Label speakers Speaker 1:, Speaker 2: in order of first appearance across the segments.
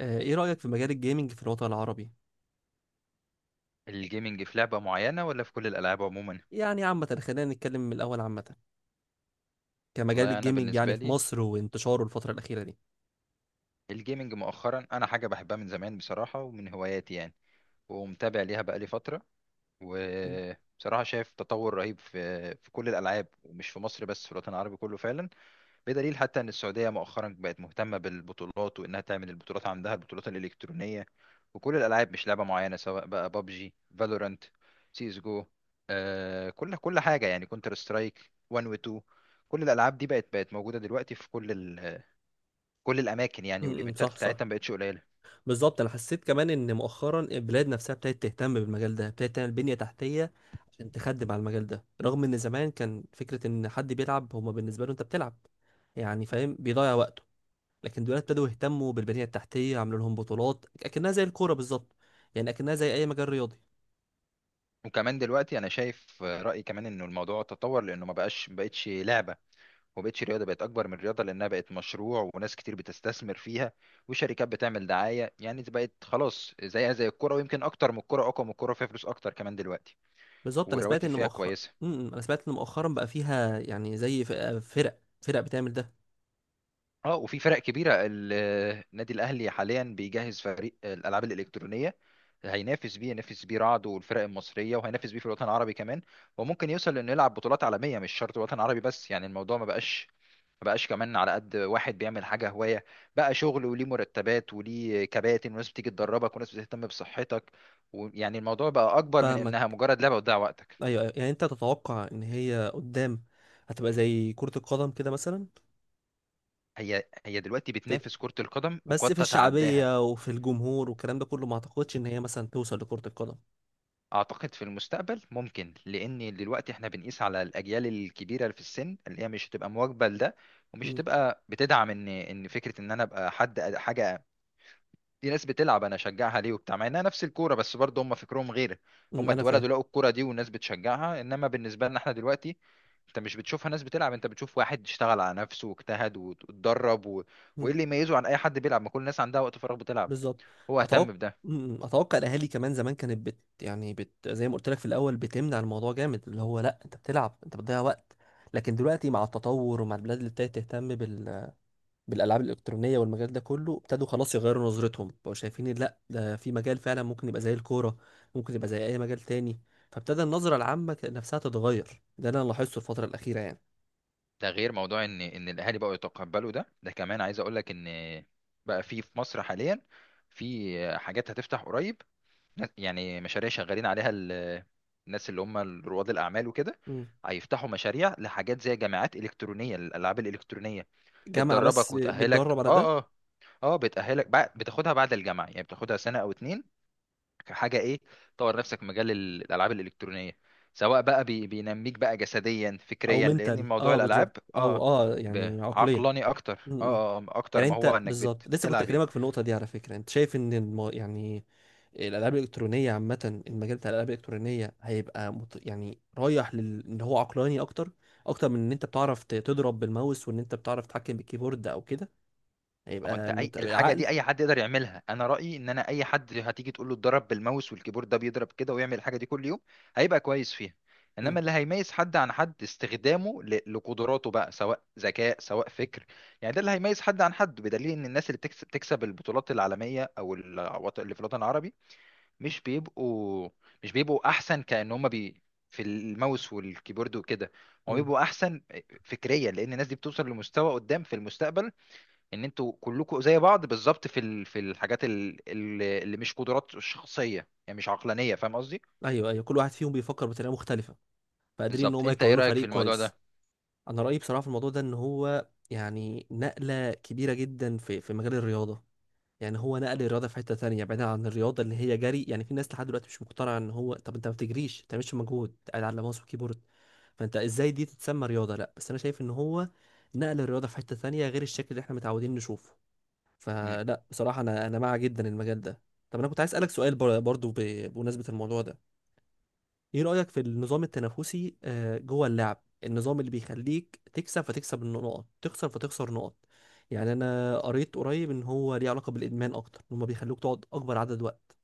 Speaker 1: ايه رأيك في مجال الجيمنج في الوطن العربي؟
Speaker 2: الجيمنج في لعبة معينة ولا في كل الألعاب عموما؟
Speaker 1: يعني عامة، خلينا نتكلم من الأول عامة كمجال
Speaker 2: والله أنا
Speaker 1: الجيمنج، يعني
Speaker 2: بالنسبة
Speaker 1: في
Speaker 2: لي
Speaker 1: مصر وانتشاره الفترة الأخيرة دي.
Speaker 2: الجيمنج مؤخرا أنا حاجة بحبها من زمان بصراحة ومن هواياتي يعني ومتابع ليها بقالي فترة
Speaker 1: م-
Speaker 2: وبصراحة شايف تطور رهيب في كل الألعاب ومش في مصر بس في الوطن العربي كله فعلا بدليل حتى ان السعوديه مؤخرا بقت مهتمه بالبطولات وانها تعمل البطولات عندها البطولات الالكترونيه وكل الالعاب مش لعبه معينه سواء بقى بابجي فالورانت سي اس جو. كل حاجه يعني كونتر سترايك 1 و 2. كل الالعاب دي بقت موجوده دلوقتي في كل الاماكن يعني والايفنتات
Speaker 1: صح صح.
Speaker 2: بتاعتها ما بقتش قليله.
Speaker 1: بالظبط، أنا حسيت كمان إن مؤخرا البلاد نفسها ابتدت تهتم بالمجال ده، ابتدت تعمل بنية تحتية عشان تخدم على المجال ده، رغم إن زمان كان فكرة إن حد بيلعب هما بالنسبة له أنت بتلعب يعني، فاهم، بيضيع وقته. لكن دلوقتي ابتدوا يهتموا بالبنية التحتية، عملوا لهم بطولات أكنها زي الكورة بالظبط، يعني أكنها زي أي مجال رياضي.
Speaker 2: وكمان دلوقتي انا شايف رايي كمان انه الموضوع تطور لانه ما بقتش لعبه وبقتش رياضة بقت أكبر من رياضة لأنها بقت مشروع وناس كتير بتستثمر فيها وشركات بتعمل دعاية يعني بقت خلاص زيها زي الكرة ويمكن أكتر من الكرة أقوى من الكرة فيها فلوس أكتر كمان دلوقتي
Speaker 1: بالظبط،
Speaker 2: والرواتب فيها كويسة.
Speaker 1: انا سمعت ان مؤخرا بقى فيها يعني زي فرق بتعمل ده.
Speaker 2: اه وفي فرق كبيرة النادي الأهلي حاليا بيجهز فريق الألعاب الإلكترونية هينافس بيه ينافس بيه رعد والفرق المصرية وهينافس بيه في الوطن العربي كمان وممكن يوصل لأنه يلعب بطولات عالمية مش شرط الوطن العربي بس يعني الموضوع ما بقاش كمان على قد واحد بيعمل حاجة هواية بقى شغل وليه مرتبات وليه كباتن وناس بتيجي تدربك وناس بتهتم بصحتك ويعني الموضوع بقى أكبر من
Speaker 1: فاهمك،
Speaker 2: إنها مجرد لعبة وتضيع وقتك.
Speaker 1: ايوه أيوة. يعني انت تتوقع ان هي قدام هتبقى زي كرة القدم كده مثلا؟
Speaker 2: هي هي دلوقتي
Speaker 1: في...
Speaker 2: بتنافس كرة القدم وقد
Speaker 1: بس في
Speaker 2: تتعداها.
Speaker 1: الشعبية وفي الجمهور والكلام ده كله، ما اعتقدش ان هي مثلا توصل لكرة القدم.
Speaker 2: أعتقد في المستقبل ممكن لأن دلوقتي إحنا بنقيس على الأجيال الكبيرة في السن اللي هي مش هتبقى مواكبة لده ومش
Speaker 1: مم،
Speaker 2: هتبقى بتدعم إن فكرة إن أنا أبقى حد حاجة. دي ناس بتلعب انا اشجعها ليه وبتاع مع انها نفس الكوره بس برضه هم فكرهم غير. هم
Speaker 1: انا فاهم.
Speaker 2: اتولدوا لقوا الكوره دي والناس بتشجعها انما بالنسبه لنا احنا دلوقتي انت مش بتشوفها ناس بتلعب. انت بتشوف واحد اشتغل على نفسه واجتهد واتدرب
Speaker 1: مم،
Speaker 2: وايه اللي يميزه عن اي حد بيلعب ما كل الناس عندها وقت فراغ بتلعب.
Speaker 1: بالظبط.
Speaker 2: هو اهتم
Speaker 1: اتوقع
Speaker 2: بده.
Speaker 1: اتوقع الاهالي كمان زمان كانت بت يعني بت زي ما قلت لك في الاول بتمنع الموضوع جامد، اللي هو لا انت بتلعب انت بتضيع وقت. لكن دلوقتي مع التطور ومع البلاد اللي ابتدت تهتم بالالعاب الالكترونيه والمجال ده كله، ابتدوا خلاص يغيروا نظرتهم، بقوا شايفين إن لا، ده في مجال فعلا ممكن يبقى زي الكوره، ممكن يبقى زي اي مجال تاني. فابتدى النظره العامه نفسها تتغير، ده اللي انا لاحظته الفتره الاخيره يعني.
Speaker 2: ده غير موضوع ان الاهالي بقوا يتقبلوا ده. ده كمان عايز اقول لك ان بقى في مصر حاليا في حاجات هتفتح قريب. يعني مشاريع شغالين عليها الناس اللي هم رواد الأعمال وكده.
Speaker 1: مم.
Speaker 2: هيفتحوا مشاريع لحاجات زي جامعات إلكترونية للألعاب الإلكترونية
Speaker 1: جامعه بس
Speaker 2: بتدربك وتأهلك
Speaker 1: بتدرب على ده؟
Speaker 2: اه بتأهلك بعد بتاخدها بعد الجامعة يعني بتاخدها سنة أو اتنين كحاجة ايه تطور نفسك في مجال الألعاب الإلكترونية سواء بقى بينميك بقى جسديا
Speaker 1: او
Speaker 2: فكريا لأن
Speaker 1: منتال،
Speaker 2: موضوع
Speaker 1: بالظبط،
Speaker 2: الألعاب
Speaker 1: او يعني عقليه.
Speaker 2: عقلاني أكتر
Speaker 1: م.
Speaker 2: أكتر
Speaker 1: يعني
Speaker 2: ما هو
Speaker 1: انت
Speaker 2: إنك
Speaker 1: بالظبط لسه كنت
Speaker 2: بتلعب يعني.
Speaker 1: اكلمك في النقطه دي على فكره، انت شايف ان يعني الالعاب الالكترونيه عامه، المجال بتاع الالعاب الالكترونيه هيبقى يعني رايح ان هو عقلاني اكتر، اكتر من ان انت بتعرف تضرب بالماوس وان انت بتعرف تتحكم بالكيبورد او كده،
Speaker 2: ما هو انت
Speaker 1: هيبقى
Speaker 2: اي
Speaker 1: مت...
Speaker 2: الحاجه
Speaker 1: عقل
Speaker 2: دي اي حد يقدر يعملها. انا رايي ان انا اي حد هتيجي تقول له اتدرب بالماوس والكيبورد ده بيضرب كده ويعمل الحاجه دي كل يوم هيبقى كويس فيها.
Speaker 1: م-
Speaker 2: انما اللي هيميز حد عن حد استخدامه لقدراته بقى سواء ذكاء سواء فكر. يعني ده اللي هيميز حد عن حد بدليل ان الناس اللي بتكسب البطولات العالميه او اللي في الوطن العربي مش بيبقوا مش بيبقوا احسن كأن هم في الماوس والكيبورد وكده. هم
Speaker 1: م.
Speaker 2: بيبقوا احسن فكريا لان الناس دي بتوصل لمستوى قدام في المستقبل. ان انتوا كلكم زي بعض بالظبط في الحاجات اللي مش قدرات شخصيه يعني مش عقلانيه فاهم قصدي.
Speaker 1: ايوه ايوه، كل واحد فيهم بيفكر بطريقه مختلفه، فقادرين ان
Speaker 2: بالظبط.
Speaker 1: هم
Speaker 2: انت ايه
Speaker 1: يكونوا
Speaker 2: رايك في
Speaker 1: فريق
Speaker 2: الموضوع ده؟
Speaker 1: كويس. انا رايي بصراحه في الموضوع ده ان هو يعني نقله كبيره جدا في مجال الرياضه، يعني هو نقل الرياضه في حته تانية بعيدا عن الرياضه اللي هي جري. يعني في ناس لحد دلوقتي مش مقتنعه ان هو، طب انت ما بتجريش ما بتعملش مجهود، قاعد على ماوس وكيبورد، فانت ازاي دي تتسمى رياضه؟ لا، بس انا شايف ان هو نقل الرياضه في حته تانية غير الشكل اللي احنا متعودين نشوفه. فلا، بصراحه انا مع جدا المجال ده. طب انا كنت عايز اسالك سؤال برضو بمناسبه الموضوع ده، ايه رأيك في النظام التنافسي جوه اللعب، النظام اللي بيخليك تكسب فتكسب النقط، تخسر فتخسر نقط؟ يعني انا قريت قريب ان هو ليه علاقة بالادمان اكتر، ان هما بيخلوك تقعد اكبر عدد وقت.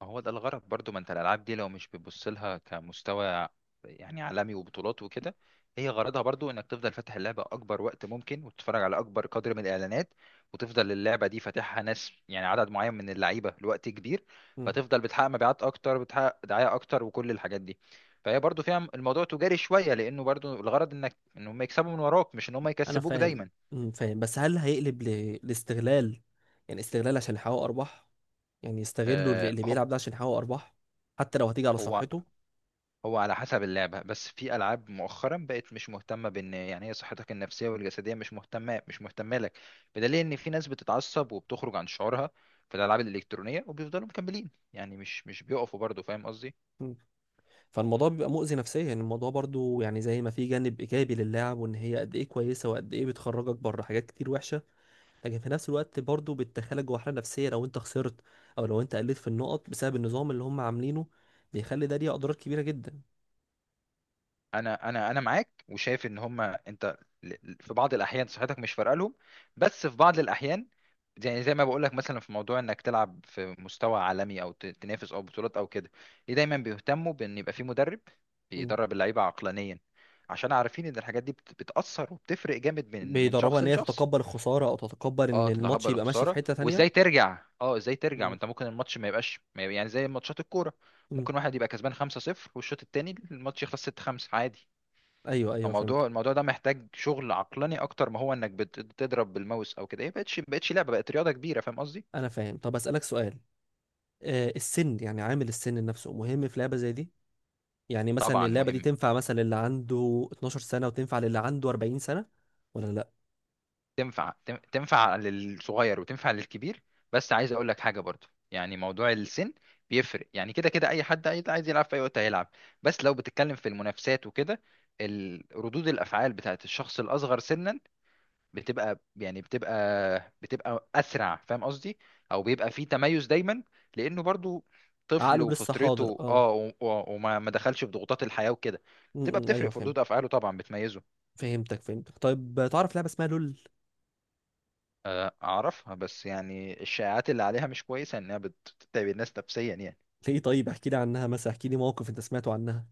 Speaker 2: ما هو ده الغرض برضو. ما انت الالعاب دي لو مش بتبص لها كمستوى يعني عالمي وبطولات وكده. هي غرضها برضو انك تفضل فاتح اللعبه اكبر وقت ممكن وتتفرج على اكبر قدر من الاعلانات وتفضل اللعبه دي فاتحها ناس يعني عدد معين من اللعيبه لوقت كبير.
Speaker 1: مم.
Speaker 2: فتفضل بتحقق مبيعات اكتر بتحقق دعايه اكتر وكل الحاجات دي. فهي برضو فيها الموضوع تجاري شويه لانه برضو الغرض انك ان هم يكسبوا من وراك مش ان هم
Speaker 1: انا
Speaker 2: يكسبوك
Speaker 1: فاهم.
Speaker 2: دايما.
Speaker 1: فاهم، بس هل هيقلب لاستغلال؟ يعني استغلال عشان يحقق ارباح، يعني يستغلوا اللي
Speaker 2: آه،
Speaker 1: اللي بيلعب ده عشان يحقق ارباح، حتى لو هتيجي على
Speaker 2: هو
Speaker 1: صحته.
Speaker 2: هو على حسب اللعبة بس في ألعاب مؤخرا بقت مش مهتمة بإن يعني هي صحتك النفسية والجسدية مش مهتمة لك. بدليل إن في ناس بتتعصب وبتخرج عن شعورها في الألعاب الإلكترونية وبيفضلوا مكملين يعني مش بيقفوا برضه فاهم قصدي.
Speaker 1: مم. فالموضوع بيبقى مؤذي نفسيا، يعني الموضوع برضو، يعني زي ما في جانب ايجابي للعب وان هي قد ايه كويسه وقد ايه بتخرجك بره حاجات كتير وحشه، لكن في نفس الوقت برضو بتدخلك جوه حالة نفسية لو انت خسرت او لو انت قلت في النقط بسبب النظام اللي هم عاملينه، بيخلي ده ليه اضرار كبيرة جدا.
Speaker 2: انا معاك وشايف ان هما انت في بعض الاحيان صحتك مش فارقه لهم. بس في بعض الاحيان يعني زي ما بقول لك مثلا في موضوع انك تلعب في مستوى عالمي او تنافس او بطولات او كده. ليه دايما بيهتموا بان يبقى في مدرب
Speaker 1: مم.
Speaker 2: بيدرب اللعيبه عقلانيا عشان عارفين ان الحاجات دي بتاثر وبتفرق جامد من
Speaker 1: بيدربها
Speaker 2: شخص
Speaker 1: ان هي
Speaker 2: لشخص.
Speaker 1: تتقبل الخسارة، او تتقبل ان
Speaker 2: اه
Speaker 1: الماتش
Speaker 2: تتقبل
Speaker 1: يبقى ماشي في
Speaker 2: الخساره
Speaker 1: حتة تانية.
Speaker 2: وازاي ترجع اه ازاي ترجع ما
Speaker 1: مم.
Speaker 2: انت ممكن الماتش ما يبقاش ما يبقى- يعني زي ماتشات الكوره.
Speaker 1: مم.
Speaker 2: ممكن واحد يبقى كسبان 5-0 والشوط التاني الماتش يخلص 6-5 عادي.
Speaker 1: ايوه ايوه فهمت.
Speaker 2: الموضوع ده محتاج شغل عقلاني اكتر ما هو انك بتضرب بالماوس او كده. هي بقتش لعبه بقت رياضه كبيره فاهم قصدي.
Speaker 1: انا فاهم. طب اسالك سؤال، السن، يعني عامل السن نفسه مهم في لعبه زي دي؟ يعني مثلا
Speaker 2: طبعا
Speaker 1: اللعبه دي
Speaker 2: مهم.
Speaker 1: تنفع مثلا اللي عنده 12 سنه وتنفع للي عنده 40 سنه؟ ولا لا؟
Speaker 2: تنفع للصغير وتنفع للكبير. بس عايز اقول لك حاجه برضو يعني موضوع السن بيفرق. يعني كده كده اي حد عايز يلعب في اي وقت هيلعب. بس لو بتتكلم في المنافسات وكده ردود الافعال بتاعت الشخص الاصغر سنا بتبقى يعني بتبقى اسرع فاهم قصدي. او بيبقى فيه تميز دايما لانه برضو طفل
Speaker 1: عقله لسه حاضر
Speaker 2: وفطرته
Speaker 1: اه.
Speaker 2: وما ما دخلش في ضغوطات الحياه وكده.
Speaker 1: م
Speaker 2: بتبقى
Speaker 1: -م.
Speaker 2: بتفرق
Speaker 1: ايوه
Speaker 2: في
Speaker 1: فهمت.
Speaker 2: ردود افعاله طبعا بتميزه.
Speaker 1: فهمتك فهمتك. طيب، تعرف لعبه اسمها لول؟
Speaker 2: اعرفها بس يعني الشائعات اللي عليها مش كويسه انها بتتعب الناس نفسيا يعني.
Speaker 1: ليه؟ طيب احكي لي عنها، مثلا احكي لي موقف انت سمعته عنها.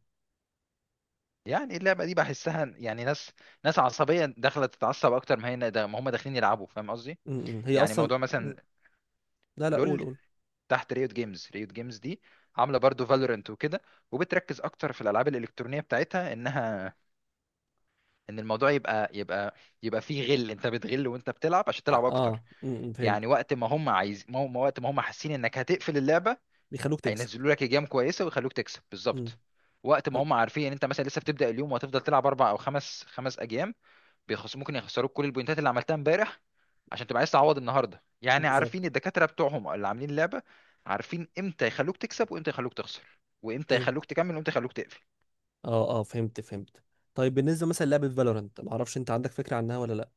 Speaker 2: يعني اللعبه دي بحسها يعني ناس عصبيه داخله تتعصب اكتر ما هي ده ما هم داخلين يلعبوا فاهم قصدي.
Speaker 1: م- م. هي
Speaker 2: يعني
Speaker 1: اصلا
Speaker 2: موضوع
Speaker 1: م.
Speaker 2: مثلا
Speaker 1: لا لا، قول
Speaker 2: لول
Speaker 1: قول.
Speaker 2: تحت ريوت جيمز. ريوت جيمز دي عامله برضو فالورنت وكده وبتركز اكتر في الالعاب الالكترونيه بتاعتها ان الموضوع يبقى يبقى فيه غل انت بتغل وانت بتلعب عشان تلعب اكتر.
Speaker 1: م. فهمت.
Speaker 2: يعني وقت ما هم حاسين انك هتقفل اللعبه
Speaker 1: بيخلوك تكسب.
Speaker 2: هينزلوا لك ايجام كويسه ويخلوك تكسب
Speaker 1: م.
Speaker 2: بالظبط. وقت ما هم عارفين ان انت مثلا لسه بتبدا اليوم وهتفضل تلعب اربع او خمس اجيال بيخص ممكن يخسروك كل البوينتات اللي عملتها امبارح عشان تبقى عايز تعوض النهارده يعني عارفين
Speaker 1: بالظبط.
Speaker 2: الدكاترة بتوعهم اللي عاملين اللعبة. عارفين امتى يخلوك تكسب وامتى يخلوك تخسر وامتى
Speaker 1: فهمت.
Speaker 2: يخلوك تكمل وامتى يخلوك تقفل.
Speaker 1: اه فهمت فهمت. طيب بالنسبه مثلا لعبه فالورنت، ما اعرفش انت عندك فكره عنها ولا لا؟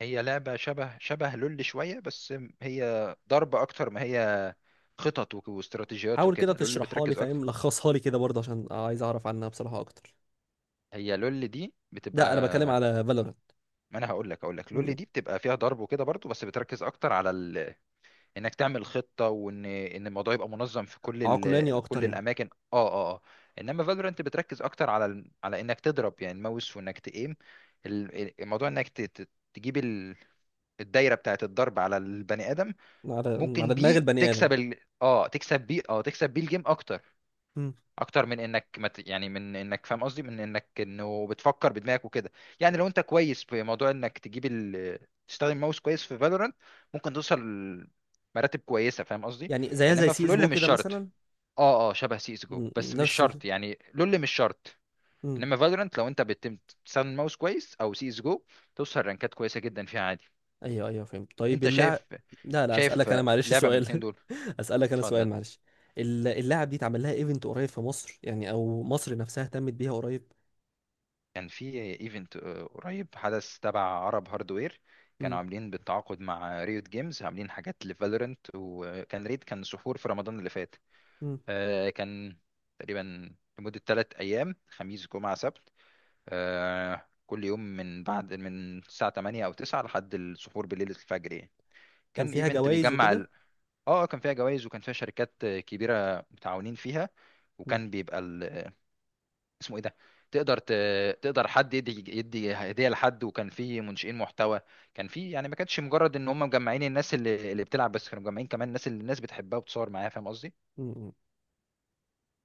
Speaker 2: هي لعبة شبه لول شوية بس. هي ضرب اكتر ما هي خطط واستراتيجيات
Speaker 1: حاول كده
Speaker 2: وكده. لول
Speaker 1: تشرحها لي،
Speaker 2: بتركز اكتر.
Speaker 1: فاهم، لخصها لي كده برضه عشان عايز اعرف عنها بصراحه اكتر.
Speaker 2: هي لول دي بتبقى.
Speaker 1: لا، انا بتكلم على فالورنت.
Speaker 2: ما انا هقول لك لول دي بتبقى فيها ضرب وكده برضو بس بتركز اكتر على انك تعمل خطه وان الموضوع يبقى منظم في كل
Speaker 1: عقلاني اكتر
Speaker 2: كل
Speaker 1: يعني.
Speaker 2: الاماكن انما فالورانت بتركز اكتر على على انك تضرب يعني الماوس وانك تقيم الموضوع انك تجيب الدايره بتاعه الضرب على البني ادم
Speaker 1: على على
Speaker 2: ممكن
Speaker 1: دماغ
Speaker 2: بيه
Speaker 1: البني ادم.
Speaker 2: تكسب ال... اه تكسب بيه اه تكسب بيه الجيم اكتر
Speaker 1: م.
Speaker 2: اكتر من انك يعني من انك فاهم قصدي من انك انه بتفكر بدماغك وكده. يعني لو انت كويس في موضوع انك تجيب تستخدم ماوس كويس في فالورانت ممكن توصل مراتب كويسه فاهم قصدي.
Speaker 1: يعني زيها زي
Speaker 2: انما
Speaker 1: سي
Speaker 2: في
Speaker 1: اس
Speaker 2: لول
Speaker 1: جو
Speaker 2: مش
Speaker 1: كده
Speaker 2: شرط
Speaker 1: مثلا.
Speaker 2: اه شبه سي اس جو
Speaker 1: م.
Speaker 2: بس مش
Speaker 1: نفس.
Speaker 2: شرط يعني لول مش شرط.
Speaker 1: م.
Speaker 2: انما فالورانت لو انت تستخدم ماوس كويس او سي اس جو توصل رانكات كويسه جدا فيها عادي.
Speaker 1: ايوه ايوه فهمت. طيب
Speaker 2: انت
Speaker 1: اللاعب،
Speaker 2: شايف
Speaker 1: لا لا،
Speaker 2: شايف
Speaker 1: اسالك انا معلش
Speaker 2: لعبه من الاثنين
Speaker 1: سؤال
Speaker 2: دول.
Speaker 1: اسالك انا سؤال
Speaker 2: اتفضل.
Speaker 1: معلش. اللاعب دي اتعمل لها ايفنت قريب في مصر، يعني او مصر نفسها اهتمت بيها قريب؟
Speaker 2: كان في ايفنت قريب حدث تبع عرب هاردوير. كانوا
Speaker 1: مم.
Speaker 2: عاملين بالتعاقد مع ريوت جيمز عاملين حاجات لفالورنت وكان ريد كان سحور في رمضان اللي فات.
Speaker 1: مم.
Speaker 2: كان تقريبا لمدة 3 أيام خميس جمعة سبت. كل يوم من بعد من الساعة 8 أو 9 لحد السحور بالليل الفجر يعني.
Speaker 1: كان
Speaker 2: كان
Speaker 1: فيها
Speaker 2: ايفنت
Speaker 1: جوائز
Speaker 2: بيجمع
Speaker 1: وكده؟
Speaker 2: ال... اه كان فيها جوائز وكان فيها شركات كبيرة متعاونين فيها.
Speaker 1: مم.
Speaker 2: وكان بيبقى اسمه ايه ده. تقدر ت... تقدر حد يدي هديه لحد وكان في منشئين محتوى. كان في يعني ما كانتش مجرد ان هم مجمعين الناس اللي بتلعب بس كانوا مجمعين كمان الناس اللي الناس بتحبها وبتصور معاها فاهم قصدي
Speaker 1: مم.